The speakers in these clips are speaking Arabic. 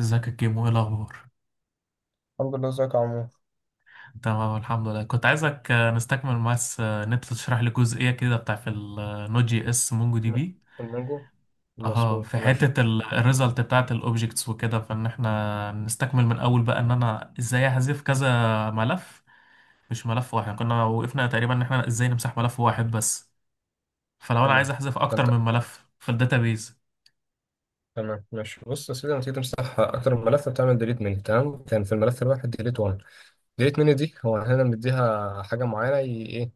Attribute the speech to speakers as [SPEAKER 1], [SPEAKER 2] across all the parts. [SPEAKER 1] ازيك يا كيمو؟ ايه الاخبار؟
[SPEAKER 2] الحمد لله، ازيك يا عمو.
[SPEAKER 1] تمام، الحمد لله. كنت عايزك نستكمل بس ان انت تشرح لي جزئيه كده بتاعت النود جي اس مونجو دي
[SPEAKER 2] م-
[SPEAKER 1] بي.
[SPEAKER 2] المانجو
[SPEAKER 1] اه في
[SPEAKER 2] مظبوط، ماشي.
[SPEAKER 1] حته الريزلت بتاعت الاوبجكتس وكده، فان احنا نستكمل من اول بقى ان انا ازاي احذف كذا ملف. مش ملف واحد، يعني كنا وقفنا تقريبا ان احنا ازاي نمسح ملف واحد بس. فلو انا عايز
[SPEAKER 2] تمام،
[SPEAKER 1] احذف اكتر
[SPEAKER 2] فانت
[SPEAKER 1] من ملف في الداتابيز.
[SPEAKER 2] تمام، ماشي. بص يا سيدي، لما تيجي تمسح اكتر من ملف بتعمل ديليت مني. تمام، كان في الملف الواحد ديليت 1. ديليت مني دي هو هنا مديها حاجه معينه ايه،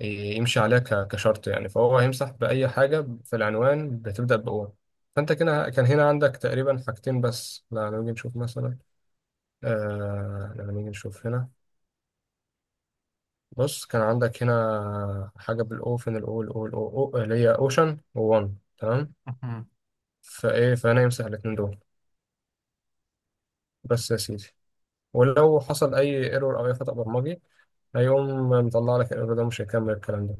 [SPEAKER 2] يمشي عليها كشرط، يعني فهو هيمسح باي حاجه في العنوان بتبدا بأو. فانت كده كان هنا عندك تقريبا حاجتين بس. لا، لما نيجي نشوف مثلا، آه لما نيجي نشوف هنا. بص، كان عندك هنا حاجة بالأوفن، الأو الأو الأو أو، اللي هي أوشن وون، تمام.
[SPEAKER 1] مهم.
[SPEAKER 2] فإيه، فأنا يمسح الاتنين دول بس يا سيدي. ولو حصل أي ايرور أو أي خطأ برمجي هيقوم مطلع لك الايرور ده، مش هيكمل الكلام ده.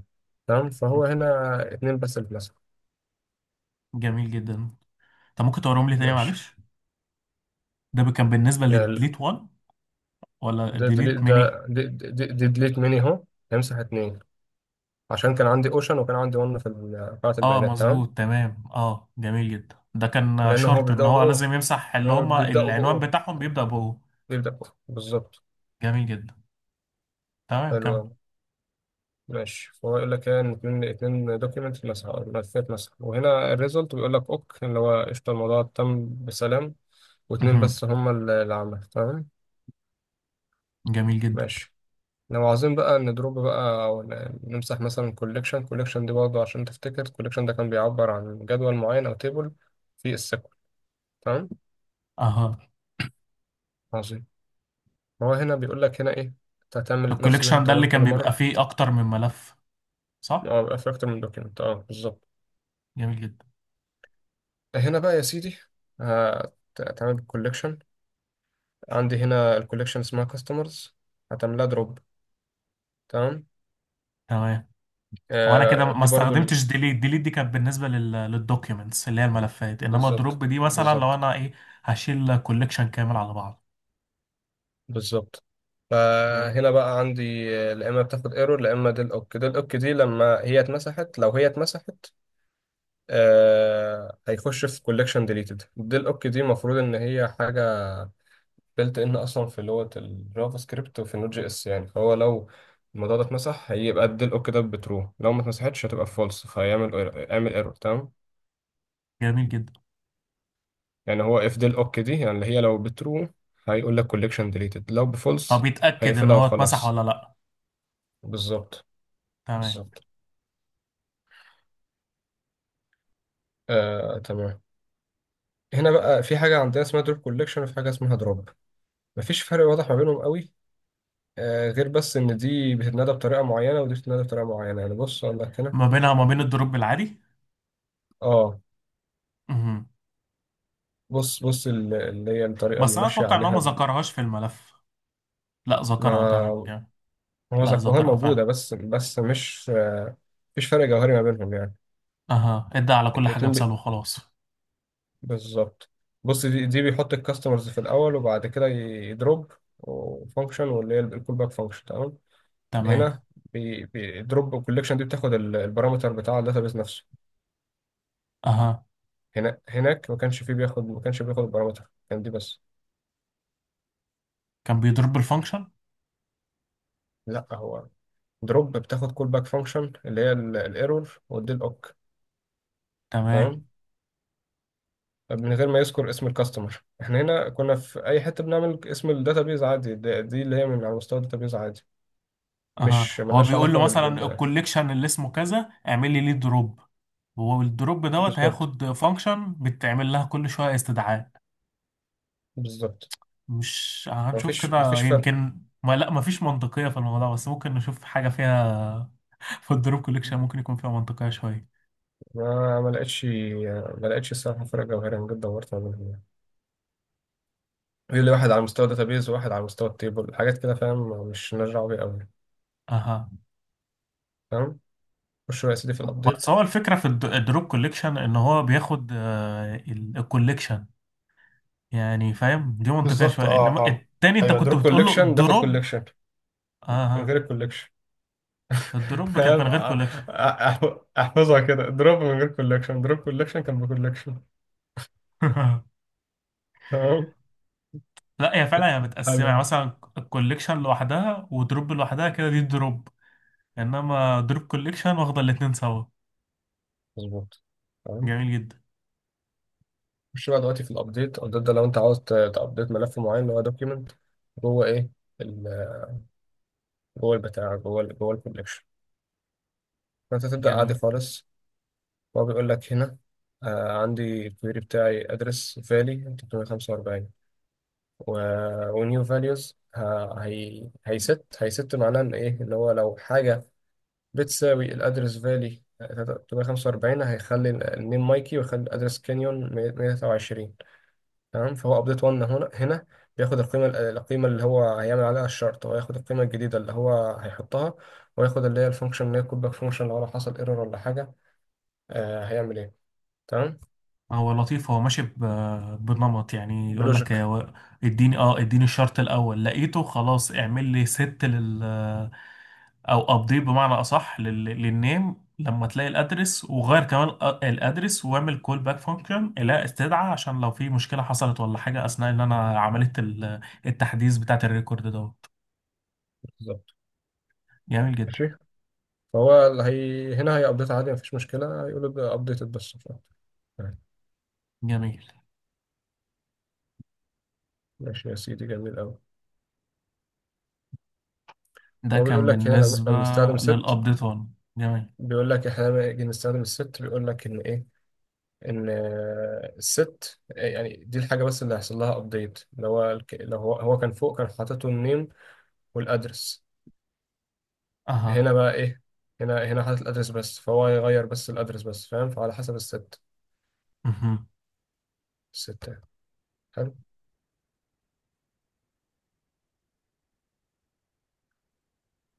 [SPEAKER 2] تمام، فهو هنا اتنين بس اللي اتمسحوا.
[SPEAKER 1] جميل جدا. طب، ممكن توريهم لي تاني
[SPEAKER 2] ماشي.
[SPEAKER 1] معلش؟ ده كان بالنسبه
[SPEAKER 2] يعني ال-
[SPEAKER 1] للديليت 1 ولا
[SPEAKER 2] ده ديليت،
[SPEAKER 1] ديليت ميني؟
[SPEAKER 2] ده دي ديليت مني أهو، هيمسح اتنين عشان كان عندي أوشن وكان عندي ون في قاعة
[SPEAKER 1] اه
[SPEAKER 2] البيانات. تمام،
[SPEAKER 1] مظبوط، تمام. اه جميل جدا. ده كان
[SPEAKER 2] لأن هو
[SPEAKER 1] شرط ان
[SPEAKER 2] بيبدأوا
[SPEAKER 1] هو
[SPEAKER 2] بأو،
[SPEAKER 1] لازم يمسح اللي
[SPEAKER 2] هو
[SPEAKER 1] هم
[SPEAKER 2] بيبدأوا
[SPEAKER 1] العنوان
[SPEAKER 2] بأو،
[SPEAKER 1] بتاعهم بيبدأ بهو.
[SPEAKER 2] بيبدأوا، بالظبط.
[SPEAKER 1] جميل جدا. تمام،
[SPEAKER 2] حلو
[SPEAKER 1] كمل.
[SPEAKER 2] أوي. ماشي، فهو يقول لك ايه، ان اتنين، اتنين دوكيمنت مسح او ملفات مسح، وهنا الريزلت بيقول لك اوك، اللي هو قشطة، الموضوع تم بسلام. واتنين
[SPEAKER 1] مهم.
[SPEAKER 2] بس هما اللي عمل. تمام
[SPEAKER 1] جميل جدا.
[SPEAKER 2] ماشي. لو عاوزين بقى ندروب بقى او نمسح مثلا كوليكشن. كوليكشن دي برضه، عشان تفتكر، كوليكشن ده كان بيعبر عن جدول معين او تيبل في السيكول. تمام،
[SPEAKER 1] اها.
[SPEAKER 2] عظيم. هو هنا بيقول لك هنا ايه، انت هتعمل نفس اللي انت
[SPEAKER 1] الكوليكشن ده
[SPEAKER 2] بتعمله
[SPEAKER 1] اللي
[SPEAKER 2] كل
[SPEAKER 1] كان
[SPEAKER 2] مرة.
[SPEAKER 1] بيبقى فيه اكتر من ملف، صح؟
[SPEAKER 2] اه، بيبقى في اكتر من دوكيمنت، اه بالظبط.
[SPEAKER 1] جميل جدا.
[SPEAKER 2] هنا بقى يا سيدي، هت- هتعمل كوليكشن. عندي هنا الكوليكشن اسمها كاستمرز، هتعملها دروب. تمام.
[SPEAKER 1] تمام. هو انا كده
[SPEAKER 2] آه،
[SPEAKER 1] ما
[SPEAKER 2] دي برضو
[SPEAKER 1] استخدمتش ديليت دي، كانت بالنسبه للدوكيومنتس اللي هي الملفات، انما
[SPEAKER 2] بالظبط
[SPEAKER 1] دروب دي مثلا لو
[SPEAKER 2] بالظبط
[SPEAKER 1] انا ايه، هشيل كوليكشن كامل على بعض.
[SPEAKER 2] بالظبط،
[SPEAKER 1] جميل.
[SPEAKER 2] فهنا بقى عندي آه، لا اما بتاخد ايرور لا اما ديل اوك. ديل اوك دي لما هي اتمسحت، لو هي اتمسحت آه هيخش في كوليكشن ديليتد. ديل اوك دي المفروض ان هي حاجه بلت ان اصلا في لغه الجافا سكريبت وفي النوت جي اس، يعني فهو لو الموضوع ده اتمسح هيبقى الديل اوك ده بترو، لو ما اتمسحتش هتبقى فولس، فهيعمل، اعمل ايرور. تمام،
[SPEAKER 1] جميل جدا.
[SPEAKER 2] يعني هو if del ok دي يعني اللي هي لو بترو هيقول لك collection deleted، لو
[SPEAKER 1] هو
[SPEAKER 2] بفولس
[SPEAKER 1] بيتاكد ان
[SPEAKER 2] هيقفلها
[SPEAKER 1] هو اتمسح
[SPEAKER 2] وخلاص.
[SPEAKER 1] ولا لا؟
[SPEAKER 2] بالظبط،
[SPEAKER 1] تمام.
[SPEAKER 2] بالظبط. آه تمام، هنا بقى في حاجة عندنا اسمها drop collection وفي حاجة اسمها drop، مفيش فرق واضح ما بينهم قوي، آه غير بس إن دي بتتنادى بطريقة معينة ودي بتتنادى بطريقة معينة، يعني بص أقول لك هنا.
[SPEAKER 1] ما بينها وما بين الدروب العادي؟
[SPEAKER 2] آه،
[SPEAKER 1] مهم.
[SPEAKER 2] بص اللي هي الطريقة
[SPEAKER 1] بس
[SPEAKER 2] اللي
[SPEAKER 1] انا
[SPEAKER 2] ماشية
[SPEAKER 1] اتوقع ان هو ما
[SPEAKER 2] عليها.
[SPEAKER 1] ذكرهاش في الملف. لا، ذكرها، تمام
[SPEAKER 2] ما
[SPEAKER 1] يعني.
[SPEAKER 2] هو
[SPEAKER 1] لا،
[SPEAKER 2] ذكرها
[SPEAKER 1] ذكرها
[SPEAKER 2] موجودة،
[SPEAKER 1] فعلا.
[SPEAKER 2] بس مش آه، مفيش فرق جوهري ما بينهم يعني.
[SPEAKER 1] اها، ادى على كل حاجه
[SPEAKER 2] الاتنين،
[SPEAKER 1] مثال وخلاص.
[SPEAKER 2] بالظبط. بص دي, دي بيحط الكاستمرز في الاول وبعد كده يدروب وفانكشن، واللي هي الكول باك فانكشن. تمام.
[SPEAKER 1] تمام.
[SPEAKER 2] هنا بيدروب الكوليكشن، دي بتاخد البارامتر بتاع الداتابيز نفسه.
[SPEAKER 1] اها.
[SPEAKER 2] هنا هناك ما كانش فيه بياخد، ما كانش بياخد البارامتر، كان دي بس.
[SPEAKER 1] كان بيضرب بالفانكشن.
[SPEAKER 2] لا، هو دروب بتاخد كول باك فانكشن، اللي هي الايرور ودي الاوك.
[SPEAKER 1] تمام.
[SPEAKER 2] تمام، من غير ما يذكر اسم الكاستمر، احنا هنا كنا في اي حته بنعمل اسم الداتابيز عادي. دي, دي اللي هي من على مستوى الداتابيز عادي،
[SPEAKER 1] اها،
[SPEAKER 2] مش
[SPEAKER 1] هو
[SPEAKER 2] ملهاش
[SPEAKER 1] بيقول
[SPEAKER 2] علاقه
[SPEAKER 1] له
[SPEAKER 2] بال
[SPEAKER 1] مثلا
[SPEAKER 2] بال-
[SPEAKER 1] الكوليكشن اللي اسمه كذا، اعمل لي ليه دروب. والدروب دوت
[SPEAKER 2] بالظبط،
[SPEAKER 1] هياخد فانكشن بتعمل لها كل شويه استدعاء.
[SPEAKER 2] بالظبط.
[SPEAKER 1] مش هنشوف
[SPEAKER 2] مفيش
[SPEAKER 1] كده؟
[SPEAKER 2] مفيش فرق،
[SPEAKER 1] يمكن ما لا، مفيش منطقيه في الموضوع، بس ممكن نشوف حاجه فيها. في الدروب كوليكشن ممكن يكون فيها منطقيه شويه.
[SPEAKER 2] ما لقيتش، ما لقيتش الصراحة فرق جوهري. أنا جدا دورت ما بينهم يعني، يقول لي واحد على مستوى داتابيز وواحد على مستوى التيبل، حاجات كده فاهم، مش مالناش دعوة بيها أوي،
[SPEAKER 1] اها.
[SPEAKER 2] فاهم. خش يا سيدي في الأبديت.
[SPEAKER 1] بس هو الفكرة في الدروب كوليكشن ان هو بياخد الكوليكشن، يعني فاهم؟ دي منطقية
[SPEAKER 2] بالظبط،
[SPEAKER 1] شوية،
[SPEAKER 2] اه
[SPEAKER 1] انما
[SPEAKER 2] اه،
[SPEAKER 1] التاني انت
[SPEAKER 2] أيوة
[SPEAKER 1] كنت
[SPEAKER 2] دروب
[SPEAKER 1] بتقول له
[SPEAKER 2] كوليكشن بياخد
[SPEAKER 1] الدروب.
[SPEAKER 2] كوليكشن، من
[SPEAKER 1] اه،
[SPEAKER 2] غير الكوليكشن.
[SPEAKER 1] الدروب كانت
[SPEAKER 2] فاهم،
[SPEAKER 1] من غير كوليكشن.
[SPEAKER 2] أحفظها كده، دروب من غير كوليكشن، دروب كوليكشن كان بكوليكشن. تمام.
[SPEAKER 1] لا، هي فعلا متقسمة، يعني
[SPEAKER 2] حلو،
[SPEAKER 1] مثلا الكوليكشن لوحدها ودروب لوحدها كده، دي الدروب. انما دروب كوليكشن واخدة الاتنين سوا.
[SPEAKER 2] مظبوط، تمام.
[SPEAKER 1] جميل جدا.
[SPEAKER 2] خش بقى دلوقتي في الابديت. الابديت ده لو انت عاوز تابديت ملف معين اللي هو دوكيمنت جوه ايه، ال- جوه البتاع، جوه جوه الكوليكشن، فانت تبدا عادي
[SPEAKER 1] جميل.
[SPEAKER 2] خالص. هو بيقول لك هنا آه، عندي الكويري بتاعي ادرس فالي 345 و... ونيو فاليوز هيست. هيست معناه ان ايه، ان هو لو حاجه بتساوي الادرس فالي 345، هيخلي النيم مايكي ويخلي الادرس كانيون 123. تمام، فهو ابديت 1 هنا، هنا بياخد القيمه، القيمه اللي هو هيعمل عليها الشرط، هو ياخد القيمه الجديده اللي هو هيحطها، وياخد اللي هي الفانكشن اللي هي الكودباك فانكشن لو حصل ايرور ولا حاجه آه هيعمل ايه. تمام.
[SPEAKER 1] هو لطيف، هو ماشي بنمط، يعني يقول لك يا
[SPEAKER 2] بلوجيك،
[SPEAKER 1] اديني الشرط الاول، لقيته، خلاص. اعمل لي ست لل، او ابديت بمعنى اصح للنيم لما تلاقي الادرس، وغير كمان الادرس، واعمل كول باك فانكشن الى استدعى، عشان لو في مشكله حصلت ولا حاجه اثناء ان انا عملت التحديث بتاعت الريكورد دوت.
[SPEAKER 2] بالظبط.
[SPEAKER 1] جميل جدا.
[SPEAKER 2] ماشي، فهو اللي هي هنا هي ابديت عادي، مفيش مشكله، هيقول له ابديتد بس ف- تمام.
[SPEAKER 1] جميل.
[SPEAKER 2] ماشي يا سيدي، جميل قوي.
[SPEAKER 1] ده
[SPEAKER 2] هو
[SPEAKER 1] كان
[SPEAKER 2] بيقول لك هنا لما
[SPEAKER 1] بالنسبه
[SPEAKER 2] احنا بنستخدم ست،
[SPEAKER 1] للابديت 1. جميل.
[SPEAKER 2] بيقول لك احنا لما نيجي نستخدم الست بيقول لك ان ايه، ان آه، الست آه، يعني دي الحاجه بس اللي هيحصل لها ابديت، اللي هو لو هو كان فوق كان حاطط النيم والادرس.
[SPEAKER 1] اها.
[SPEAKER 2] هنا بقى ايه، هنا هنا حاطط الادرس بس، فهو يغير بس الادرس بس فاهم، فعلى حسب الست،
[SPEAKER 1] مهم.
[SPEAKER 2] الست يعني. حلو.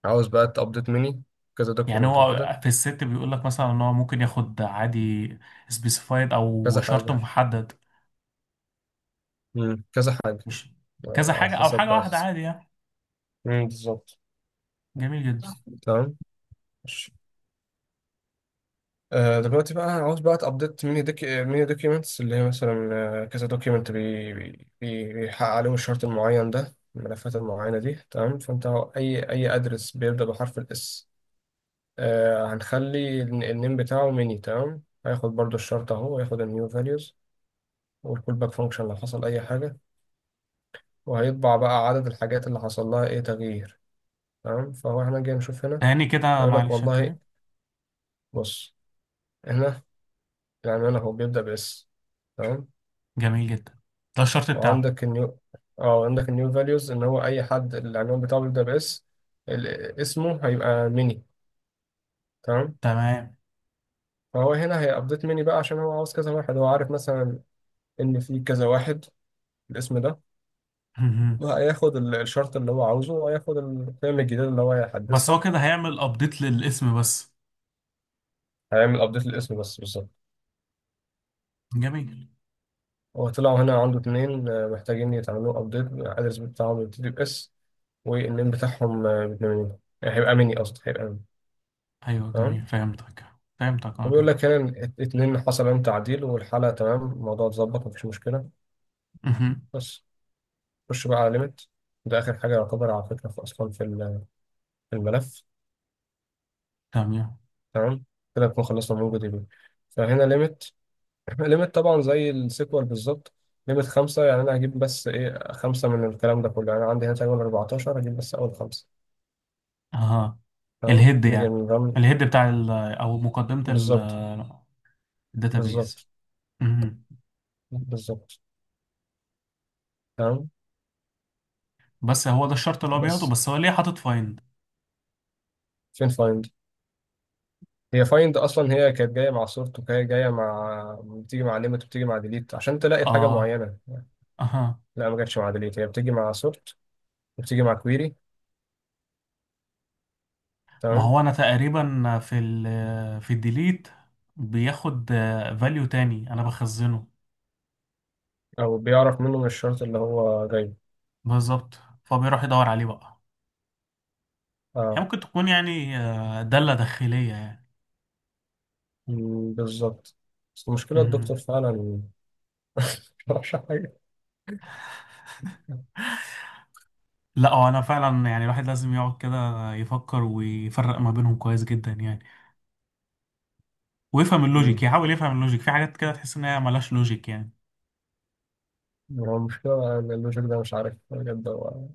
[SPEAKER 2] عاوز بقى تابديت مني كذا
[SPEAKER 1] يعني
[SPEAKER 2] دوكيمنت وكده.
[SPEAKER 1] هو في الست بيقول لك مثلا ان هو ممكن ياخد عادي، سبيسيفايد او
[SPEAKER 2] كذا
[SPEAKER 1] شرط
[SPEAKER 2] حاجه،
[SPEAKER 1] محدد.
[SPEAKER 2] كذا حاجه.
[SPEAKER 1] مش
[SPEAKER 2] آه،
[SPEAKER 1] كذا
[SPEAKER 2] على
[SPEAKER 1] حاجه او حاجه
[SPEAKER 2] حسب، على
[SPEAKER 1] واحده
[SPEAKER 2] حسب.
[SPEAKER 1] عادي يعني؟
[SPEAKER 2] بالظبط.
[SPEAKER 1] جميل جدا.
[SPEAKER 2] تمام. آه، دلوقتي بقى عاوز بقى تابديت ميني دوك، ميني دوكيومنتس، اللي هي مثلا آه، كذا دوكيومنت بيحقق عليهم الشرط المعين ده، الملفات المعينة دي، تمام. فانت اي، اي ادرس بيبدأ بحرف الاس هنخلي النيم بتاعه ميني. تمام، هياخد برضو الشرط اهو، هياخد النيو فاليوز والكول باك فانكشن لو حصل اي حاجة، وهيطبع بقى عدد الحاجات اللي حصل لها ايه تغيير. تمام، فهو احنا جاي نشوف هنا،
[SPEAKER 1] تاني كده
[SPEAKER 2] هيقول لك
[SPEAKER 1] معلش يا
[SPEAKER 2] والله،
[SPEAKER 1] كريم.
[SPEAKER 2] بص، هنا العنوان اهو بيبدأ باس، تمام،
[SPEAKER 1] جميل جدا. ده الشرط بتاعه.
[SPEAKER 2] وعندك النيو، اه عندك النيو فاليوز، ان هو اي حد العنوان بتاعه بيبدأ باس اسمه هيبقى ميني. تمام،
[SPEAKER 1] تمام.
[SPEAKER 2] فهو هنا هيابديت ميني بقى، عشان هو عاوز كذا واحد، هو عارف مثلا ان في كذا واحد الاسم ده،
[SPEAKER 1] مهم.
[SPEAKER 2] وهياخد الشرط اللي هو عاوزه، وهياخد القيم الجديدة اللي هو
[SPEAKER 1] بس هو
[SPEAKER 2] هيحدثها.
[SPEAKER 1] كده هيعمل ابديت للاسم بس؟
[SPEAKER 2] هيعمل ابديت للاسم بس، بالظبط.
[SPEAKER 1] جميل.
[SPEAKER 2] هو طلعوا هنا عنده اتنين آه، محتاجين يتعملوا ابديت، الادرس بتاعهم يبتدي باس والنيم بتاعهم آه، باتنين هيبقى ميني، قصدي هيبقى ميني.
[SPEAKER 1] ايوه،
[SPEAKER 2] تمام،
[SPEAKER 1] جميل، فهمتك. فهمتك، اه،
[SPEAKER 2] وبيقول لك
[SPEAKER 1] جميل.
[SPEAKER 2] هنا إن اتنين حصل عليهم تعديل، والحالة تمام، الموضوع اتظبط مفيش مشكلة.
[SPEAKER 1] مهم.
[SPEAKER 2] بس خش بقى على ليميت، ده آخر حاجة يعتبر، على فكرة في أصلا في في الملف.
[SPEAKER 1] تمام.
[SPEAKER 2] تمام، كده نكون خلصنا من دي بي. فهنا ليميت، ليميت طبعا زي السيكوال بالظبط. ليميت خمسة، يعني أنا هجيب بس إيه، خمسة من الكلام ده كله، يعني عندي هنا تقريبا 14، هجيب بس أول خمسة.
[SPEAKER 1] اها.
[SPEAKER 2] تمام
[SPEAKER 1] الهيد
[SPEAKER 2] نيجي
[SPEAKER 1] يعني،
[SPEAKER 2] نرن.
[SPEAKER 1] الهيد بتاع ال، او مقدمة ال،
[SPEAKER 2] بالظبط
[SPEAKER 1] الداتابيز.
[SPEAKER 2] بالظبط
[SPEAKER 1] مهم.
[SPEAKER 2] بالظبط، تمام.
[SPEAKER 1] بس هو ده الشرط اللي هو بياخده،
[SPEAKER 2] بس
[SPEAKER 1] بس هو ليه حاطط فايند؟
[SPEAKER 2] فين find؟ هي فايند اصلا هي كانت جايه مع صورته، وهي جايه مع، بتيجي مع ليميت، وبتيجي مع ديليت عشان تلاقي حاجه
[SPEAKER 1] اه.
[SPEAKER 2] معينه.
[SPEAKER 1] اها.
[SPEAKER 2] لا، ما جاتش مع ديليت، هي بتيجي مع سورت وبتيجي مع كويري.
[SPEAKER 1] ما هو
[SPEAKER 2] تمام،
[SPEAKER 1] انا تقريبا في الديليت بياخد فاليو تاني انا بخزنه.
[SPEAKER 2] او بيعرف منه من الشرط اللي هو جايبه،
[SPEAKER 1] بالظبط. فبيروح يدور عليه بقى. هي
[SPEAKER 2] اه.
[SPEAKER 1] ممكن تكون يعني دالة داخلية يعني.
[SPEAKER 2] مم، بالظبط. بس المشكله
[SPEAKER 1] مم.
[SPEAKER 2] الدكتور فعلا مش عارف حاجه.
[SPEAKER 1] لا، هو انا فعلا يعني الواحد لازم يقعد كده يفكر ويفرق ما بينهم كويس جدا يعني. ويفهم اللوجيك،
[SPEAKER 2] مم.
[SPEAKER 1] يحاول يفهم اللوجيك في حاجات كده تحس ان هي ملهاش لوجيك يعني.
[SPEAKER 2] هو المشكله ان اللوجيك ده مش عارف بجد هو،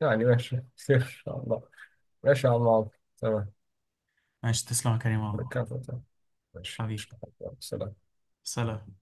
[SPEAKER 2] يعني ماشي خير ان شاء الله. ماشي يا عم عمرو، تمام،
[SPEAKER 1] ماشي، تسلم يا كريم والله.
[SPEAKER 2] ركبت، تمام، ماشي
[SPEAKER 1] حبيبي.
[SPEAKER 2] مش
[SPEAKER 1] سلام.